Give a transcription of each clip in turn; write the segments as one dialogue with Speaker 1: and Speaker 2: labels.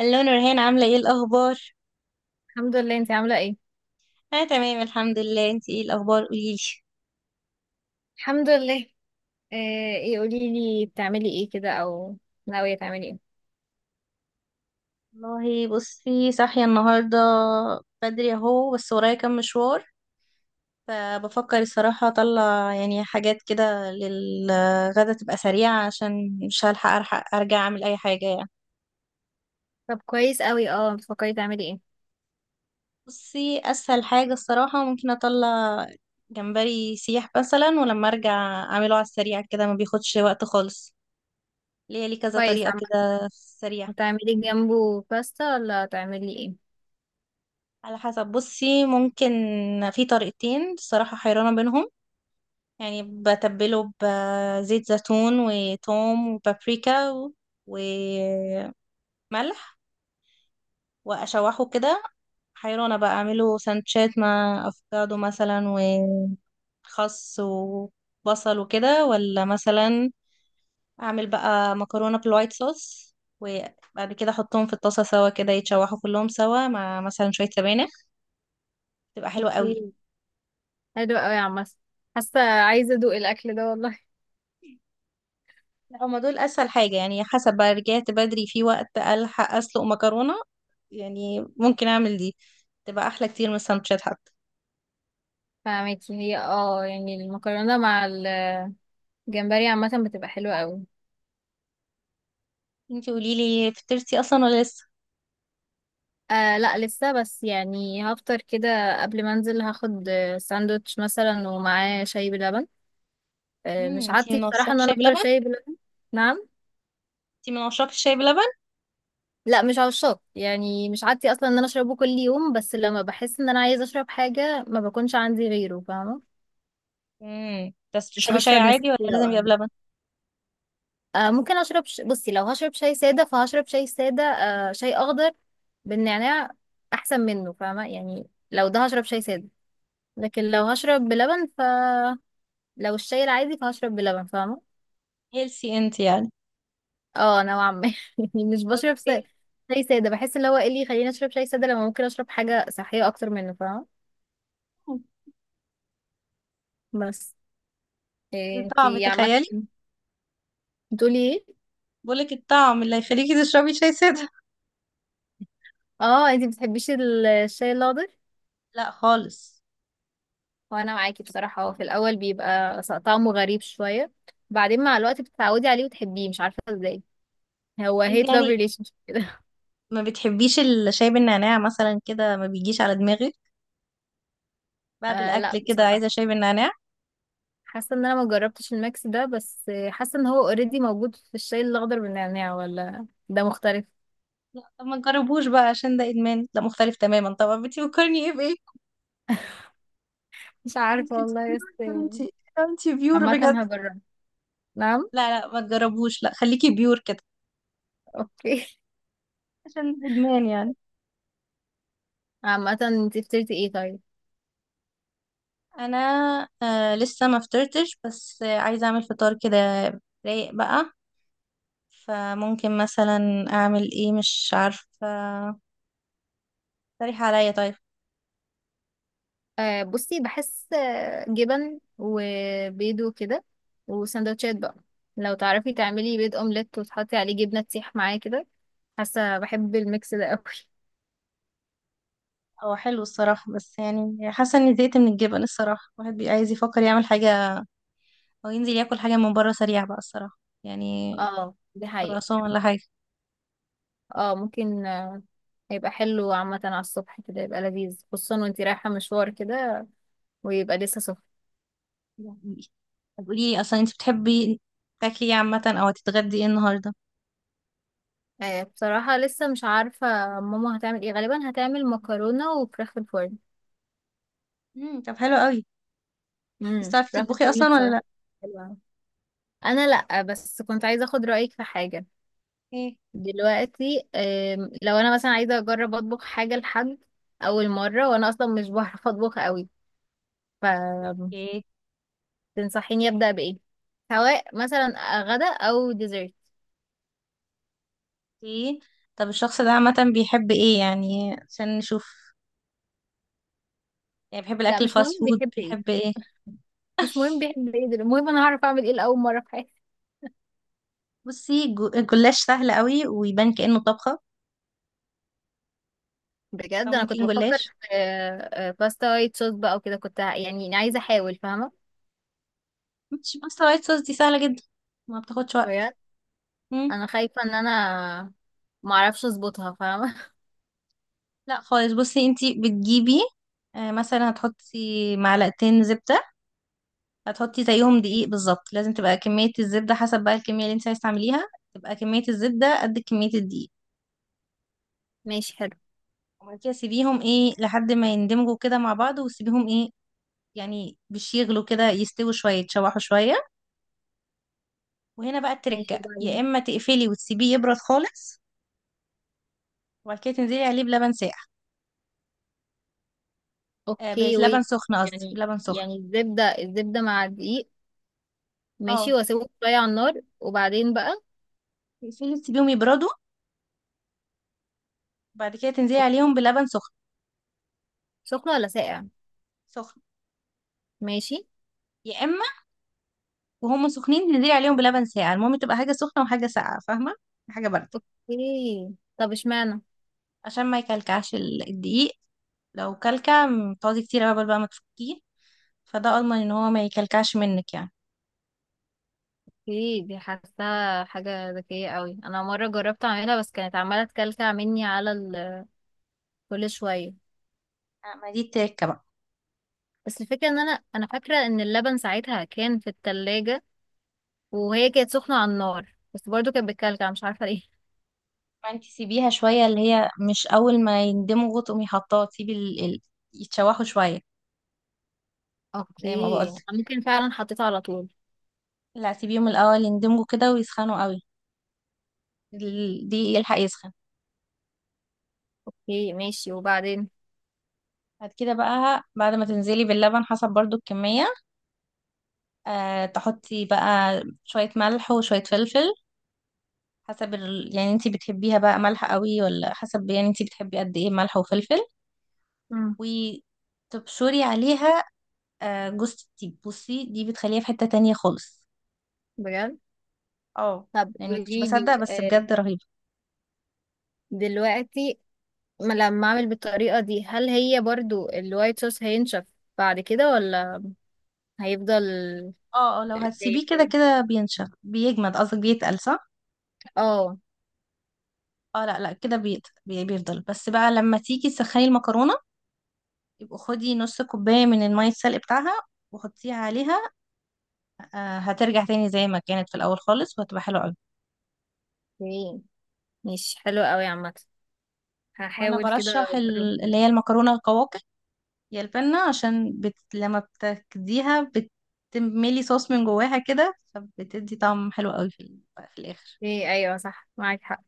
Speaker 1: الو نورهان، عاملة ايه الأخبار؟
Speaker 2: الحمد لله. انت عاملة ايه؟
Speaker 1: أنا تمام الحمد لله. انتي ايه الأخبار، قوليلي؟
Speaker 2: الحمد لله. آه، ايه، قولي لي بتعملي ايه كده او ناوية تعملي ايه؟
Speaker 1: والله بصي، صاحية النهاردة بدري اهو، بس ورايا كام مشوار. فبفكر الصراحة أطلع يعني حاجات كده للغدا تبقى سريعة، عشان مش هلحق ألحق أرجع أعمل أي حاجة يعني.
Speaker 2: طب كويس قوي. اه، بتفكري تعملي ايه؟
Speaker 1: بصي، أسهل حاجة الصراحة ممكن أطلع جمبري سيح مثلا، ولما أرجع أعمله على السريع كده، ما بياخدش وقت خالص. لي كذا
Speaker 2: كويس.
Speaker 1: طريقة
Speaker 2: عامة
Speaker 1: كده سريعة.
Speaker 2: هتعملي جنبه باستا ولا هتعملي ايه؟
Speaker 1: على حسب، بصي ممكن في طريقتين الصراحة، حيرانة بينهم. يعني بتبله بزيت زيتون وتوم وبابريكا وملح وأشوحه كده. حيرانة بقى أعمله سانشات مع أفوكادو مثلا وخس وبصل وكده، ولا مثلا أعمل بقى مكرونة بالوايت صوص، وبعد كده أحطهم في الطاسة سوا كده يتشوحوا كلهم سوا مع مثلا شوية سبانخ، تبقى حلوة قوي.
Speaker 2: اوكي، حلو قوي يا عم. حاسة عايزة ادوق الاكل ده والله.
Speaker 1: لا، هما دول اسهل حاجه، يعني حسب بقى، رجعت بدري في وقت الحق اسلق مكرونه، يعني ممكن اعمل دي، تبقى احلى كتير من السندوتشات حتى.
Speaker 2: فاهمكي. هي اه، يعني المكرونة مع الجمبري عامة بتبقى حلوة قوي.
Speaker 1: انتي قولي لي فطرتي اصلا ولا لسه؟
Speaker 2: آه لا، لسه، بس يعني هفطر كده قبل ما انزل. هاخد ساندوتش مثلا ومعاه شاي بلبن.
Speaker 1: امم،
Speaker 2: مش
Speaker 1: انتي
Speaker 2: عادتي
Speaker 1: من عشاق
Speaker 2: بصراحة ان انا
Speaker 1: الشاي
Speaker 2: افطر
Speaker 1: بلبن؟
Speaker 2: شاي بلبن. نعم.
Speaker 1: انتي من عشاق الشاي بلبن؟
Speaker 2: لا مش عشاق، يعني مش عادتي اصلا ان انا اشربه كل يوم، بس لما بحس ان انا عايزة اشرب حاجة ما بكونش عندي غيره، فاهمة.
Speaker 1: امم، بس
Speaker 2: مش
Speaker 1: تشربي شاي
Speaker 2: هشرب
Speaker 1: عادي ولا
Speaker 2: نسكافيه او
Speaker 1: لازم يبقى
Speaker 2: قهوة.
Speaker 1: بلبن؟
Speaker 2: آه، ممكن اشرب بصي، لو هشرب شاي سادة فهشرب شاي سادة، آه شاي اخضر بالنعناع احسن منه فاهمة يعني. لو ده هشرب شاي سادة، لكن لو هشرب بلبن، فلو الشاي العادي فهشرب بلبن فاهمة.
Speaker 1: هيلسي انتي يعني.
Speaker 2: اه نوعا ما. يعني مش بشرب
Speaker 1: اوكي.
Speaker 2: شاي سادة. بحس اللي هو ايه اللي يخليني اشرب شاي سادة لما ممكن اشرب حاجة صحية اكتر منه فاهمة. بس
Speaker 1: الطعم
Speaker 2: انتي عامة
Speaker 1: تخيلي.
Speaker 2: بتقولي ايه؟
Speaker 1: بقولك الطعم اللي هيخليكي تشربي شاي ساده.
Speaker 2: اه، انتي بتحبيش الشاي الأخضر؟
Speaker 1: لا خالص.
Speaker 2: وانا معاكي بصراحة، هو في الاول بيبقى طعمه غريب شوية، بعدين مع الوقت بتتعودي عليه وتحبيه، مش عارفة ازاي. هو
Speaker 1: انتي
Speaker 2: هيت لاف
Speaker 1: يعني
Speaker 2: ريليشن كده.
Speaker 1: ما بتحبيش الشاي بالنعناع مثلا كده، ما بيجيش على دماغك بعد
Speaker 2: آه لا
Speaker 1: الاكل كده
Speaker 2: بصراحة،
Speaker 1: عايزه شاي بالنعناع؟
Speaker 2: حاسة ان انا ما جربتش الميكس ده، بس حاسة ان هو اوريدي موجود في الشاي الأخضر بالنعناع، ولا ده مختلف؟
Speaker 1: لا طب ما تجربوش بقى، عشان ده ادمان، ده مختلف تماما طبعا. انت بتفكرني ايه بايه؟
Speaker 2: مش عارفة
Speaker 1: انت
Speaker 2: والله. بس
Speaker 1: بيور انت. انت بيور
Speaker 2: عامة
Speaker 1: بجد.
Speaker 2: هجرب. نعم.
Speaker 1: لا لا، ما تجربوش، لا خليكي بيور كده،
Speaker 2: اوكي.
Speaker 1: عشان ادمان يعني.
Speaker 2: عامة انتي فطرتي ايه طيب؟
Speaker 1: انا لسه ما فطرتش، بس عايزه اعمل فطار كده رايق بقى، فممكن مثلا اعمل ايه، مش عارفه، اقترحي عليا طيب.
Speaker 2: آه بصي، بحس جبن وبيض وكده وسندوتشات بقى. لو تعرفي تعملي بيض اومليت وتحطي عليه جبنة تسيح معاه كده، حاسة بحب الميكس ده قوي.
Speaker 1: هو حلو الصراحه، بس يعني حاسه اني زهقت من الجبن الصراحه، الواحد بيبقى عايز يفكر يعمل حاجه او ينزل ياكل حاجه من بره سريع بقى الصراحه يعني،
Speaker 2: اه دي حقيقة.
Speaker 1: خراسان ولا حاجة
Speaker 2: اه ممكن. هيبقى حلو عامة على الصبح كده، يبقى لذيذ خصوصا وانتي رايحة مشوار كده، ويبقى لسه سخن.
Speaker 1: يعني. طب قولي لي أصلا، أنت بتحبي تاكلي إيه عامة، أو هتتغدي إيه النهاردة؟
Speaker 2: آه بصراحة لسه مش عارفة. ماما هتعمل ايه غالبا؟ هتعمل مكرونة وفراخ في الفرن.
Speaker 1: امم، طب حلو قوي. أنت
Speaker 2: امم،
Speaker 1: بتعرفي
Speaker 2: راح
Speaker 1: تطبخي
Speaker 2: الفيلم
Speaker 1: أصلا ولا لأ؟
Speaker 2: بصراحة. حلو أوي. انا لا، بس كنت عايزة اخد رأيك في حاجة.
Speaker 1: ايه؟
Speaker 2: دلوقتي لو انا مثلا عايزة اجرب اطبخ حاجة لحد اول مرة، وانا اصلا مش بعرف اطبخ قوي، فتنصحيني
Speaker 1: اوكي.
Speaker 2: ابدأ بايه؟ سواء مثلا غدا او ديزرت.
Speaker 1: اوكي. طب الشخص ده عامة بيحب إيه يعني، عشان نشوف، يعني بيحب
Speaker 2: لا
Speaker 1: الأكل
Speaker 2: مش مهم
Speaker 1: الفاست فود،
Speaker 2: بيحب ايه،
Speaker 1: بيحب إيه؟
Speaker 2: مش مهم بيحب ايه. المهم انا هعرف اعمل ايه لاول مرة في حياتي.
Speaker 1: بصي، الجلاش سهل قوي ويبان كأنه طبخة،
Speaker 2: بجد انا كنت
Speaker 1: فممكن
Speaker 2: بفكر
Speaker 1: جلاش.
Speaker 2: في باستا وايت صوص بقى وكده. كنت يعني عايزة احاول فاهمة.
Speaker 1: مش باستا وايت صوص دي سهلة جدا، ما بتاخدش وقت. مم.
Speaker 2: انا خايفة ان انا معرفش اظبطها فاهمة.
Speaker 1: لا خالص، بصي أنت بتجيبي مثلا هتحطي معلقتين زبدة، هتحطي زيهم دقيق بالظبط، لازم تبقى كمية الزبدة حسب بقى الكمية اللي انت عايز تعمليها، تبقى كمية الزبدة قد كمية الدقيق.
Speaker 2: ماشي حلو.
Speaker 1: وبعد كده سيبيهم ايه لحد ما يندمجوا كده مع بعض، وسيبيهم ايه يعني مش يغلوا كده، يستووا شوية يتشوحوا شوية، وهنا بقى
Speaker 2: ماشي،
Speaker 1: التركة، يا
Speaker 2: وبعدين؟
Speaker 1: اما تقفلي وتسيبيه يبرد خالص، وبعد كده تنزلي عليه بلبن ساقع.
Speaker 2: اوكي
Speaker 1: بلبن
Speaker 2: ويت.
Speaker 1: سخن قصدي،
Speaker 2: يعني
Speaker 1: بلبن سخن.
Speaker 2: الزبدة مع الدقيق. ماشي،
Speaker 1: اه،
Speaker 2: واسيبه شوية على النار وبعدين بقى؟
Speaker 1: تقفلي تسيبيهم يبردوا، بعد كده تنزلي
Speaker 2: أوك-
Speaker 1: عليهم بلبن سخن.
Speaker 2: سخن ولا ساقع؟
Speaker 1: سخن.
Speaker 2: ماشي.
Speaker 1: يا اما وهم سخنين تنزلي عليهم بلبن ساقع، المهم تبقى حاجة سخنة وحاجة ساقعة، فاهمة، حاجة بارده،
Speaker 2: اوكي، طب اشمعنى؟
Speaker 1: عشان ما يكلكعش الدقيق. لو كلكع تقعدي كتير قبل بقى ما تفكيه، فده اضمن ان هو ما يكلكعش منك يعني.
Speaker 2: اوكي، دي حاساها حاجة ذكية قوي. انا مرة جربت اعملها بس كانت عمالة تكلكع مني على كل شوية.
Speaker 1: ما دي التركه بقى.
Speaker 2: بس الفكرة ان انا فاكرة ان اللبن ساعتها كان في التلاجة، وهي كانت سخنة على النار، بس برضو كانت بتكلكع مش عارفة ليه.
Speaker 1: ما انت سيبيها شويه، اللي هي مش اول ما يندمجوا تقومي حطاه، تسيبي يتشوحوا شويه زي ما
Speaker 2: اوكي،
Speaker 1: بقولت.
Speaker 2: ممكن فعلا حطيتها على طول.
Speaker 1: لا سيبيهم الاول يندمجوا كده ويسخنوا قوي، دي يلحق يسخن.
Speaker 2: اوكي ماشي، وبعدين؟
Speaker 1: بعد كده بقى، بعد ما تنزلي باللبن، حسب برضو الكمية، أه تحطي بقى شوية ملح وشوية فلفل، حسب يعني انتي بتحبيها بقى مالحة قوي، ولا حسب يعني انتي بتحبي قد ايه ملح وفلفل.
Speaker 2: مم.
Speaker 1: وتبشري عليها جوز الطيب، بصي دي بتخليها في حتة تانية خالص.
Speaker 2: بجد؟
Speaker 1: اه،
Speaker 2: طب
Speaker 1: يعني كنتش
Speaker 2: قولي لي
Speaker 1: بصدق، بس بجد رهيبة.
Speaker 2: دلوقتي، ما لما اعمل بالطريقة دي هل هي برضو الوايت صوص هينشف بعد كده، ولا هيفضل
Speaker 1: اه اه، لو
Speaker 2: دايب
Speaker 1: هتسيبيه كده
Speaker 2: كده؟
Speaker 1: كده بينشف، بيجمد قصدك، بيتقل صح؟
Speaker 2: اه.
Speaker 1: اه لا لا، كده بيفضل، بس بقى لما تيجي تسخني المكرونة يبقى خدي نص كوباية من المية السلق بتاعها وحطيها عليها، هترجع تاني زي ما كانت في الأول خالص، وهتبقى حلوة أوي.
Speaker 2: اوكي ماشي حلو قوي عامة،
Speaker 1: وانا
Speaker 2: هحاول كده
Speaker 1: برشح
Speaker 2: اجرب.
Speaker 1: اللي هي المكرونه القواقع، يا البنه، عشان لما بتكديها بتملي صوص من جواها كده، فبتدي طعم حلو قوي في في الاخر.
Speaker 2: ايه؟ ايوه صح، معاك حق.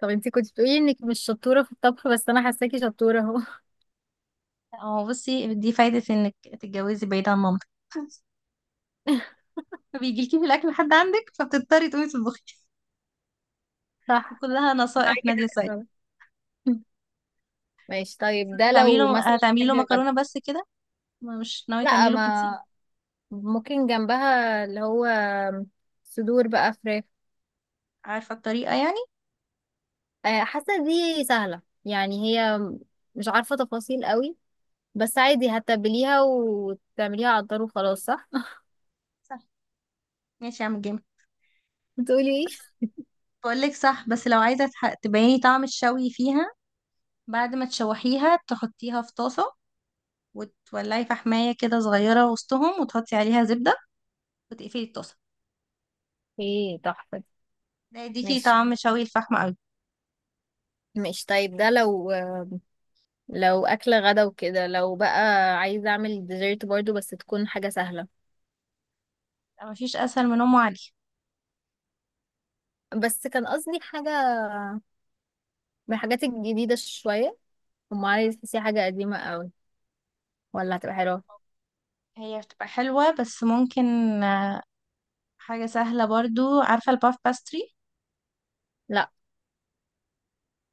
Speaker 2: طب انتي كنت بتقولي انك مش شطورة في الطبخ، بس انا حاساكي شطورة اهو.
Speaker 1: اه بصي، دي فايده انك تتجوزي بعيد عن مامتك فبيجيلكي في الاكل لحد عندك، فبتضطري تقومي تطبخي.
Speaker 2: صح،
Speaker 1: وكلها نصائح
Speaker 2: معاكي
Speaker 1: نادية
Speaker 2: حق
Speaker 1: سعيد.
Speaker 2: فعلا. ماشي
Speaker 1: بس
Speaker 2: طيب،
Speaker 1: انتي
Speaker 2: ده
Speaker 1: هتعملي
Speaker 2: لو
Speaker 1: له
Speaker 2: مثلا
Speaker 1: هتعملي له
Speaker 2: حاجة غدا.
Speaker 1: مكرونه بس كده، مش ناويه
Speaker 2: لا،
Speaker 1: تعملي له بروتين؟
Speaker 2: ما ممكن جنبها اللي هو صدور بقى فراخ.
Speaker 1: عارفه الطريقه يعني؟
Speaker 2: حاسة دي سهلة يعني. هي مش عارفة تفاصيل قوي، بس عادي هتبليها وتعمليها على النار وخلاص صح.
Speaker 1: صح. ماشي يا عم جيم.
Speaker 2: بتقولي ايه؟
Speaker 1: بس بقول لك صح، بس لو عايزه تبيني طعم الشوي فيها، بعد ما تشوحيها تحطيها في طاسة، وتولعي فحماية كده صغيرة وسطهم، وتحطي عليها زبدة وتقفلي الطاسة،
Speaker 2: ايه تحفة دي.
Speaker 1: ده يديكي
Speaker 2: ماشي.
Speaker 1: طعم شوي الفحم قوي.
Speaker 2: ماشي طيب، ده لو أكلة غدا وكده، لو بقى عايزة أعمل ديزرت برضو، بس تكون حاجة سهلة.
Speaker 1: لا، مفيش أسهل من أم علي.
Speaker 2: بس كان قصدي حاجة من الحاجات الجديدة شوية. ام علي دي تحسيها حاجه قديمه قوي، ولا هتبقى حلوه؟
Speaker 1: هي بتبقى حلوة، بس ممكن آه، حاجة سهلة برضو. عارفة الباف باستري؟
Speaker 2: لا.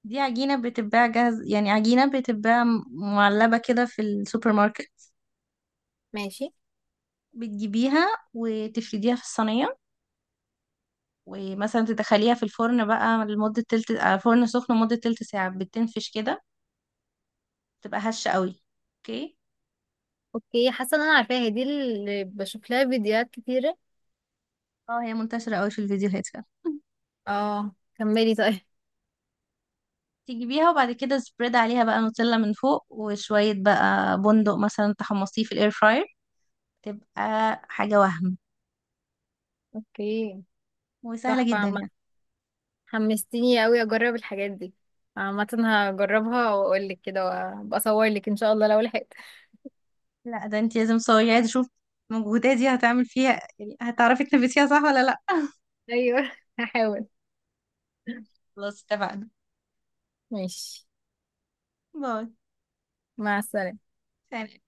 Speaker 1: دي عجينة بتتباع جاهز، يعني عجينة بتتباع معلبة كده في السوبر ماركت،
Speaker 2: ماشي.
Speaker 1: بتجيبيها وتفرديها في الصينية، ومثلا تدخليها في الفرن بقى لمدة تلت فرن سخن لمدة تلت ساعة، بتنفش كده، تبقى هشة قوي. اوكي.
Speaker 2: اوكي، حاسه ان انا عارفاها دي، اللي بشوف لها فيديوهات كتيره.
Speaker 1: اه، هي منتشرة قوي في الفيديوهات فعلا
Speaker 2: اه، كملي طيب.
Speaker 1: تجيبيها، وبعد كده سبريد عليها بقى نوتيلا من فوق، وشوية بقى بندق مثلا تحمصيه في الاير فراير، تبقى حاجة وهم،
Speaker 2: اوكي،
Speaker 1: وسهلة
Speaker 2: تحفه
Speaker 1: جدا
Speaker 2: عامة.
Speaker 1: يعني.
Speaker 2: حمستيني قوي اجرب الحاجات دي. عامه هجربها واقول لك كده، وابقى اصور لك ان شاء الله لو لحقت.
Speaker 1: لا ده انت لازم تصوري، عايزة اشوف مجهوداتي هتعمل فيها، يعني هتعرفي تنفذيها صح ولا لا.
Speaker 2: ايوه، هحاول.
Speaker 1: خلاص اتفقنا.
Speaker 2: ماشي.
Speaker 1: باي.
Speaker 2: مع السلامه.
Speaker 1: سلام.